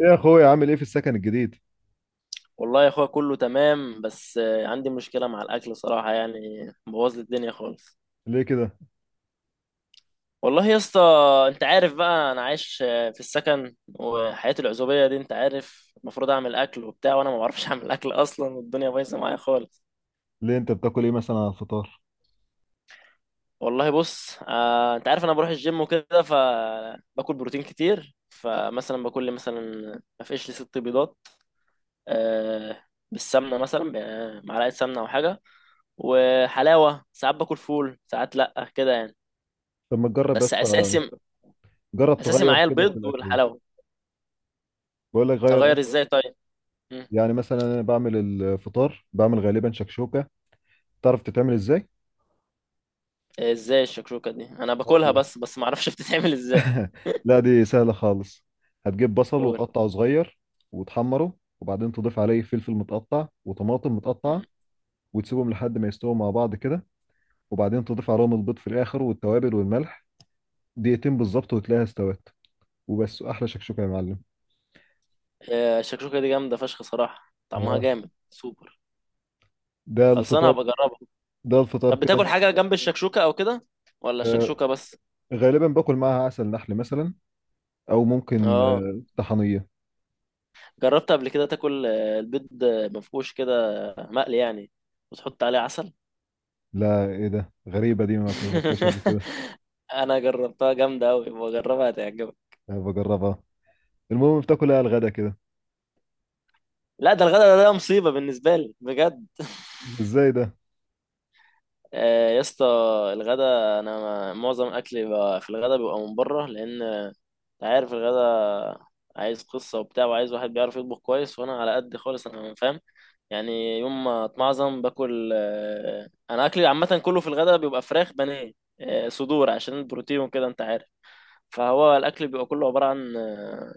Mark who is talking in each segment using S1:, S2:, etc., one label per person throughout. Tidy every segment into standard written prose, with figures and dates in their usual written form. S1: ايه يا اخويا، عامل ايه في السكن الجديد؟
S2: والله يا اخويا كله تمام. بس عندي مشكلة مع الاكل صراحة، يعني بوظ لي الدنيا خالص.
S1: ليه كده؟
S2: والله يا اسطى، انت عارف بقى انا عايش في السكن، وحياة العزوبية دي انت عارف المفروض اعمل اكل وبتاع، وانا ما بعرفش اعمل اكل اصلا، والدنيا بايظة معايا خالص.
S1: ليه انت بتاكل ايه مثلا على الفطار؟
S2: والله بص، انت عارف انا بروح الجيم وكده، فباكل بروتين كتير، فمثلا باكل لي مثلا ما فيش لي ست بيضات آه، بالسمنة، مثلا معلقة سمنة او حاجة وحلاوة. ساعات باكل فول، ساعات لأ كده يعني.
S1: طب ما تجرب يا
S2: بس
S1: اسطى،
S2: اساسي،
S1: جرب
S2: اساسي
S1: تغير
S2: معايا
S1: كده في
S2: البيض
S1: الاكل ده.
S2: والحلاوه.
S1: بقول لك غير أكل.
S2: اغير ازاي طيب؟ مم.
S1: يعني مثلا انا بعمل الفطار، بعمل غالبا شكشوكه. تعرف تتعمل ازاي؟
S2: ازاي الشكشوكه دي؟ انا باكلها
S1: هقول لك.
S2: بس، ما اعرفش بتتعمل ازاي.
S1: لا دي سهله خالص. هتجيب بصل
S2: قول.
S1: وتقطعه صغير وتحمره، وبعدين تضيف عليه فلفل متقطع وطماطم
S2: مم.
S1: متقطعه، وتسيبهم لحد ما يستووا مع بعض كده، وبعدين تضيف عليهم البيض في الاخر والتوابل والملح. دقيقتين بالظبط وتلاقيها استوت، وبس احلى شكشوكه يا معلم.
S2: الشكشوكه دي جامده فشخ صراحه، طعمها
S1: آه.
S2: جامد سوبر.
S1: ده
S2: خلصانه،
S1: الفطار
S2: هبقى اجربها.
S1: ده الفطار
S2: طب
S1: كده.
S2: بتاكل حاجه جنب الشكشوكه او كده، ولا
S1: آه،
S2: الشكشوكه بس؟
S1: غالبا باكل معاها عسل نحل مثلا، او ممكن
S2: اه،
S1: طحنيه.
S2: جربت قبل كده تاكل البيض مفقوش كده، مقلي يعني، وتحط عليه عسل؟
S1: لا، ايه ده؟ غريبه دي، ما جربتهاش قبل كده.
S2: انا جربتها جامده قوي، بجربها هتعجبك.
S1: بجربها. المهم بتاكلها على الغدا كده؟
S2: لا ده الغدا، ده مصيبة بالنسبة لي بجد.
S1: ازاي ده؟
S2: يا اسطى، الغدا، انا معظم اكلي بقى في الغدا بيبقى من بره، لان انت عارف الغدا عايز قصة وبتاع، وعايز واحد بيعرف يطبخ كويس، وانا على قد خالص انا، فاهم؟ يعني يوم ما اتمعظم باكل، انا اكلي عامة كله في الغدا بيبقى فراخ بانيه، صدور عشان البروتين وكده انت عارف. فهو الاكل بيبقى كله عبارة عن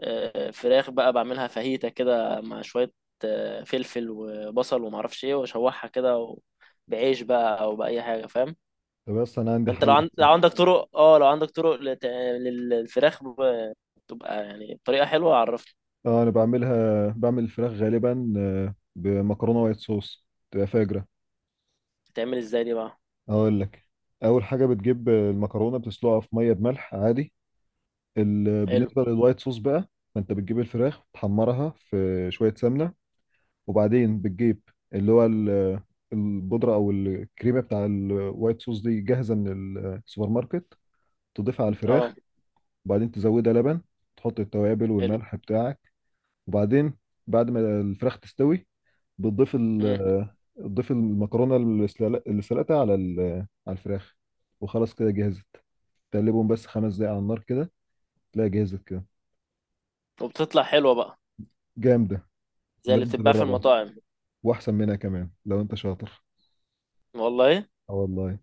S2: فراخ بقى، بعملها فاهيتا كده مع شوية فلفل وبصل ومعرفش ايه، واشوحها كده بعيش بقى او بأي حاجة، فاهم؟
S1: طب بس انا عندي
S2: فانت
S1: حل احسن.
S2: لو عندك طرق، اه لو عندك طرق للفراخ تبقى يعني بطريقة حلوة عرفني.
S1: اه، انا بعملها، بعمل الفراخ غالبا بمكرونه وايت صوص، تبقى فاجره.
S2: بتتعمل ازاي دي بقى؟
S1: اقول لك. اول حاجه بتجيب المكرونه، بتسلقها في ميه بملح عادي.
S2: حلو.
S1: بالنسبه للوايت صوص بقى، فانت بتجيب الفراخ تحمرها في شويه سمنه، وبعدين بتجيب اللي هو البودرة أو الكريمة بتاع الوايت صوص دي جاهزة من السوبر ماركت، تضيفها على
S2: اه
S1: الفراخ. وبعدين تزودها لبن، تحط التوابل
S2: حلو.
S1: والملح بتاعك. وبعدين بعد ما الفراخ تستوي بتضيف
S2: مم.
S1: ال تضيف المكرونة اللي سلقتها على الفراخ، وخلاص كده جهزت. تقلبهم بس 5 دقايق على النار كده، تلاقي جهزت كده.
S2: وبتطلع حلوة بقى؟
S1: جامدة.
S2: زي اللي
S1: لازم
S2: بتتباع في
S1: تجربها،
S2: المطاعم.
S1: وأحسن منها كمان لو أنت شاطر.
S2: والله.
S1: اه والله.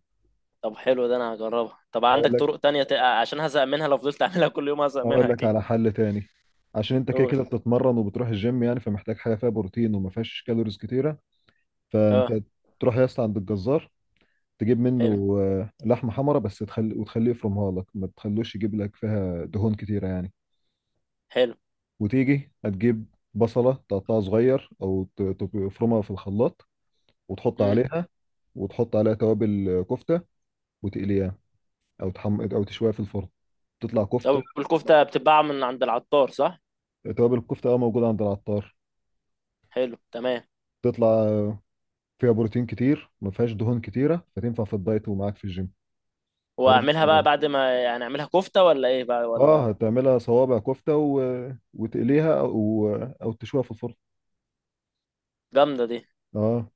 S2: طب حلو، ده انا هجربها. طب
S1: أقول
S2: عندك
S1: لك
S2: طرق تانية عشان هزهق منها، لو فضلت اعملها كل يوم هزهق
S1: اقول
S2: منها
S1: لك
S2: اكيد.
S1: على حل تاني. عشان انت كده
S2: قول.
S1: كده بتتمرن وبتروح الجيم يعني، فمحتاج حاجه فيها بروتين وما فيهاش كالوريز كتيره. فانت
S2: اه.
S1: تروح يا اسطى عند الجزار، تجيب
S2: حلو.
S1: منه لحمه حمرا، بس تخلي وتخليه يفرمها لك، ما تخلوش يجيب لك فيها دهون كتيره يعني.
S2: حلو.
S1: وتيجي هتجيب بصله، تقطعها صغير او تفرمها في الخلاط، وتحط
S2: مم.
S1: عليها، توابل كفته، وتقليها او تشويها في الفرن، تطلع كفته.
S2: طب الكفتة بتتباع من عند العطار صح؟
S1: توابل الكفته اه موجوده عند العطار.
S2: حلو تمام.
S1: تطلع فيها بروتين كتير، ما فيهاش دهون كتيره، فتنفع في الدايت ومعاك في الجيم. لازم
S2: واعملها بقى
S1: تجربها.
S2: بعد ما، يعني اعملها كفتة ولا ايه بقى،
S1: اه،
S2: ولا؟
S1: هتعملها صوابع كفته وتقليها، او تشويها في الفرن.
S2: جامدة دي.
S1: اه،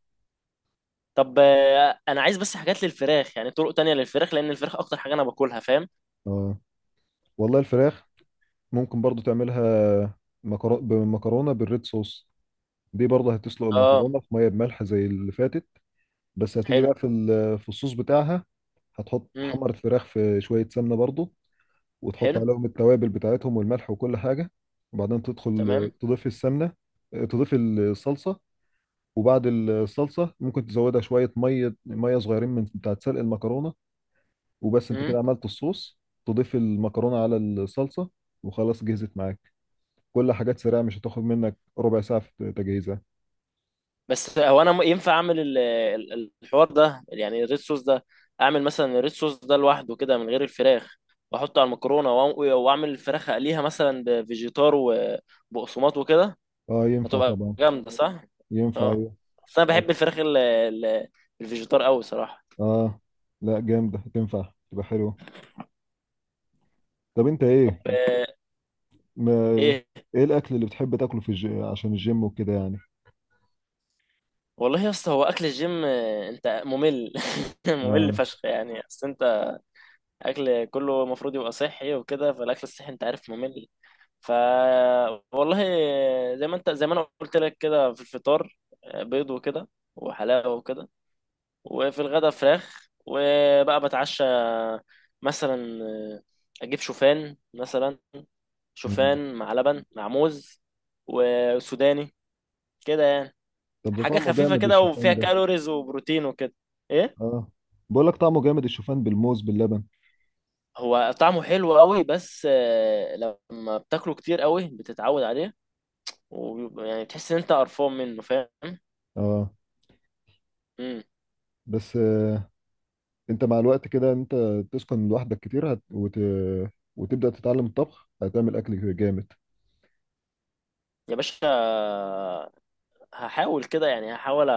S2: طب انا عايز بس حاجات للفراخ، يعني طرق تانية للفراخ، لان الفراخ اكتر حاجة انا باكلها، فاهم؟
S1: اه، والله الفراخ ممكن برضو تعملها بمكرونه بالريد صوص. دي برضه هتسلق
S2: اه.
S1: المكرونه في ميه بملح زي اللي فاتت. بس هتيجي
S2: حلو.
S1: بقى في الصوص بتاعها. هتحط
S2: امم.
S1: تحمر الفراخ في شويه سمنه برضه، وتحط
S2: حلو
S1: عليهم التوابل بتاعتهم والملح وكل حاجه، وبعدين تدخل
S2: تمام.
S1: تضيف السمنه، تضيف الصلصه. وبعد الصلصه ممكن تزودها شويه ميه ميه صغيرين من بتاعه سلق المكرونه، وبس انت كده
S2: امم.
S1: عملت الصوص. تضيف المكرونه على الصلصه، وخلاص جهزت معاك. كل حاجات سريعه، مش هتاخد منك ربع ساعه في تجهيزها.
S2: بس هو انا ينفع اعمل الحوار ده، يعني الريد صوص ده؟ اعمل مثلا الريد صوص ده لوحده كده من غير الفراخ، واحطه على المكرونة، واعمل الفراخ اقليها مثلا بفيجيتار وبقسماط وكده.
S1: اه، ينفع
S2: هتبقى
S1: طبعا.
S2: جامدة صح؟
S1: ينفع
S2: اه.
S1: ايوه.
S2: بس انا
S1: بس
S2: بحب الفراخ الفيجيتار قوي صراحة.
S1: اه، لا، جامده، تنفع تبقى حلوه. طب انت
S2: طب
S1: ايه؟ ما
S2: ايه.
S1: ايه الاكل اللي بتحب تاكله عشان الجيم وكده يعني.
S2: والله يا اسطى، هو اكل الجيم انت ممل، ممل
S1: اه.
S2: فشخ يعني، بس انت اكل كله المفروض يبقى صحي وكده، فالاكل الصحي انت عارف ممل. ف، والله زي ما انت، زي ما انا قلت لك كده، في الفطار بيض وكده وحلاوة وكده، وفي الغدا فراخ، وبقى بتعشى مثلا آه، اجيب شوفان مثلا،
S1: مم.
S2: شوفان مع لبن مع موز وسوداني، كده يعني.
S1: طب ده
S2: حاجة
S1: طعمه
S2: خفيفة
S1: جامد
S2: كده،
S1: الشوفان
S2: وفيها
S1: ده.
S2: كالوريز وبروتين وكده. ايه.
S1: اه، بقول لك طعمه جامد الشوفان بالموز باللبن.
S2: هو طعمه حلو قوي، بس لما بتاكله كتير قوي بتتعود عليه، وبيبقى، يعني بتحس ان انت قرفان منه، فاهم؟
S1: اه،
S2: امم.
S1: بس انت مع الوقت كده، انت تسكن لوحدك كتير، وتبدا تتعلم الطبخ، هتعمل اكل جامد.
S2: يا باشا هحاول كده يعني، هحاول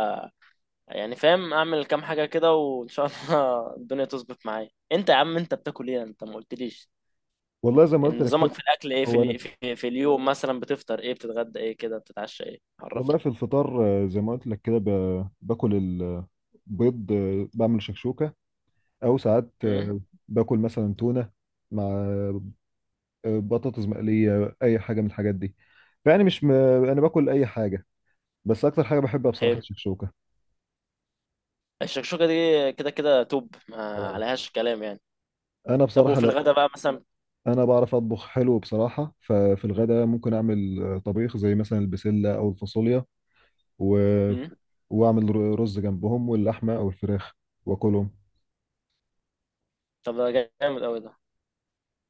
S2: يعني، فاهم اعمل كام حاجه كده، وان شاء الله الدنيا تظبط معايا. انت يا عم، انت بتاكل ايه؟ انت ما قلتليش
S1: والله زي ما
S2: إن
S1: قلت لك
S2: نظامك في
S1: كده.
S2: الاكل ايه.
S1: هو انا في...
S2: في اليوم مثلا بتفطر ايه، بتتغدى ايه كده، بتتعشى ايه،
S1: والله
S2: عرفني.
S1: في الفطار زي ما قلت لك كده، باكل البيض، بعمل شكشوكه. او ساعات
S2: امم.
S1: باكل مثلا تونه مع بطاطس مقليه، اي حاجه من الحاجات دي. فيعني مش انا باكل اي حاجه، بس اكتر حاجه بحبها بصراحه
S2: حلو.
S1: الشكشوكه.
S2: الشكشوكه دي كده كده توب، ما
S1: آه.
S2: عليهاش كلام يعني.
S1: انا
S2: طب
S1: بصراحه،
S2: وفي
S1: لا.
S2: الغدا بقى مثلا؟
S1: انا بعرف اطبخ حلو بصراحه، ففي الغداء ممكن اعمل طبيخ زي مثلا البسله او الفاصوليا، و...
S2: امم.
S1: واعمل رز جنبهم واللحمه او الفراخ واكلهم.
S2: طب ده جامد قوي ده.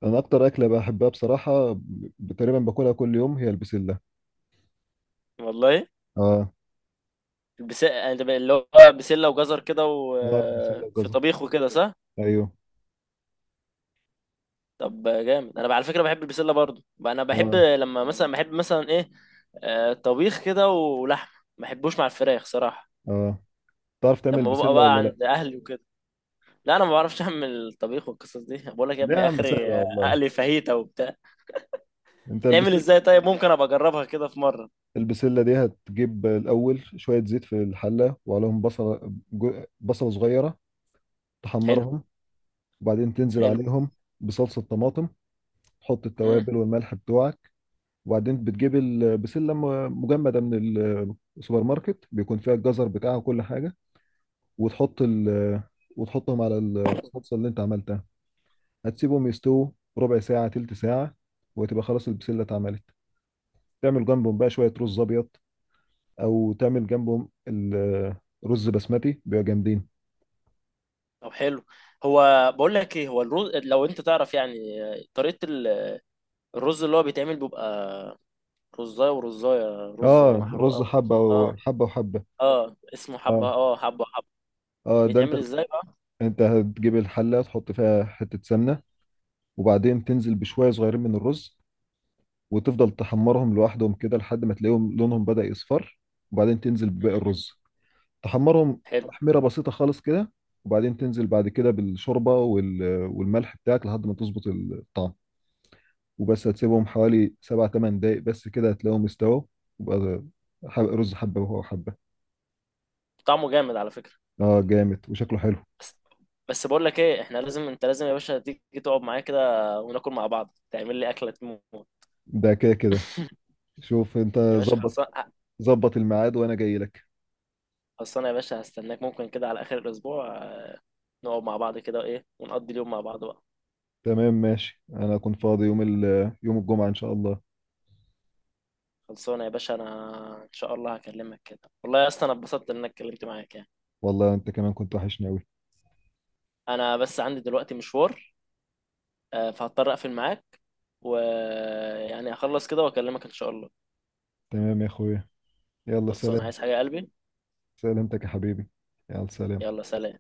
S1: انا اكتر اكله بحبها بصراحه، تقريبا باكلها كل يوم، هي البسله.
S2: والله.
S1: اه.
S2: البس... اللي هو بسله وجزر كده،
S1: اه، بسله
S2: وفي
S1: وجزر،
S2: طبيخ وكده صح؟
S1: ايوه.
S2: طب جامد. انا على فكره بحب البسله برضو. انا بحب
S1: اه،
S2: لما مثلا، بحب مثلا ايه طبيخ كده ولحمه، ما بحبوش مع الفراخ صراحه.
S1: اه، تعرف تعمل
S2: لما ببقى
S1: بسله
S2: بقى اه
S1: ولا لا؟
S2: عند اهلي وكده. لا انا ما بعرفش اعمل الطبيخ والقصص دي، بقول لك يا
S1: لا يا
S2: ابني
S1: عم، سهله
S2: اخري
S1: والله.
S2: اقلي فاهيتا وبتاع.
S1: انت،
S2: بتتعمل
S1: البسله
S2: ازاي طيب؟ ممكن ابقى اجربها كده في مره.
S1: البسله دي هتجيب الاول شويه زيت في الحله، وعليهم بصله صغيره،
S2: حلو.
S1: تحمرهم. وبعدين تنزل
S2: حلو.
S1: عليهم بصلصة طماطم، تحط
S2: امم.
S1: التوابل والملح بتوعك. وبعدين بتجيب بسلة مجمدة من السوبر ماركت، بيكون فيها الجزر بتاعها وكل حاجة، وتحط ال وتحطهم على الصلصة اللي انت عملتها. هتسيبهم يستووا، ربع ساعة تلت ساعة، وتبقى خلاص البسلة اتعملت. تعمل جنبهم بقى شوية رز أبيض، أو تعمل جنبهم رز بسمتي، بيبقى جامدين.
S2: طب حلو. هو بقول لك ايه، هو الرز لو انت تعرف، يعني طريقه الرز اللي هو بيتعمل بيبقى رزايه ورزايه، رزه
S1: اه،
S2: محروقه
S1: رز حبة
S2: اه.
S1: وحبة وحبة.
S2: اه اسمه حبة،
S1: اه،
S2: اه حبة حبة.
S1: اه. ده انت
S2: بيتعمل ازاي بقى؟
S1: انت هتجيب الحله تحط فيها حته سمنه، وبعدين تنزل بشويه صغيرين من الرز، وتفضل تحمرهم لوحدهم كده لحد ما تلاقيهم لونهم بدأ يصفر. وبعدين تنزل بباقي
S2: مم.
S1: الرز، تحمرهم.
S2: حلو.
S1: تحميره بسيطه خالص كده، وبعدين تنزل بعد كده بالشوربه والملح بتاعك لحد ما تظبط الطعم. وبس هتسيبهم حوالي 7 8 دقايق بس كده، هتلاقيهم استووا. وبقى رز حبه وهو حبه.
S2: طعمه جامد على فكرة.
S1: اه، جامد وشكله حلو.
S2: بس، بس بقول لك ايه، احنا لازم، انت لازم يا باشا تيجي تقعد معايا كده، وناكل مع بعض، تعمل لي اكلة تموت.
S1: ده كده كده. شوف، انت
S2: يا باشا
S1: ظبط
S2: خلصان.
S1: ظبط الميعاد وانا جاي لك.
S2: خلصانة يا باشا، هستناك ممكن كده على اخر الاسبوع نقعد مع بعض كده، ايه، ونقضي اليوم مع بعض بقى.
S1: تمام ماشي، انا كنت فاضي يوم الجمعة ان شاء الله.
S2: خلصانة يا باشا، انا ان شاء الله هكلمك كده. والله يا اسطى، انا اتبسطت انك اتكلمت معاك يعني.
S1: والله انت كمان كنت وحشني اوي.
S2: انا بس عندي دلوقتي مشوار، فهضطر اقفل معاك، ويعني هخلص كده واكلمك ان شاء الله.
S1: تمام يا اخويا، يلا
S2: خلصان،
S1: سلام.
S2: عايز حاجة يا قلبي؟
S1: سلامتك يا حبيبي، يلا سلام.
S2: يلا سلام.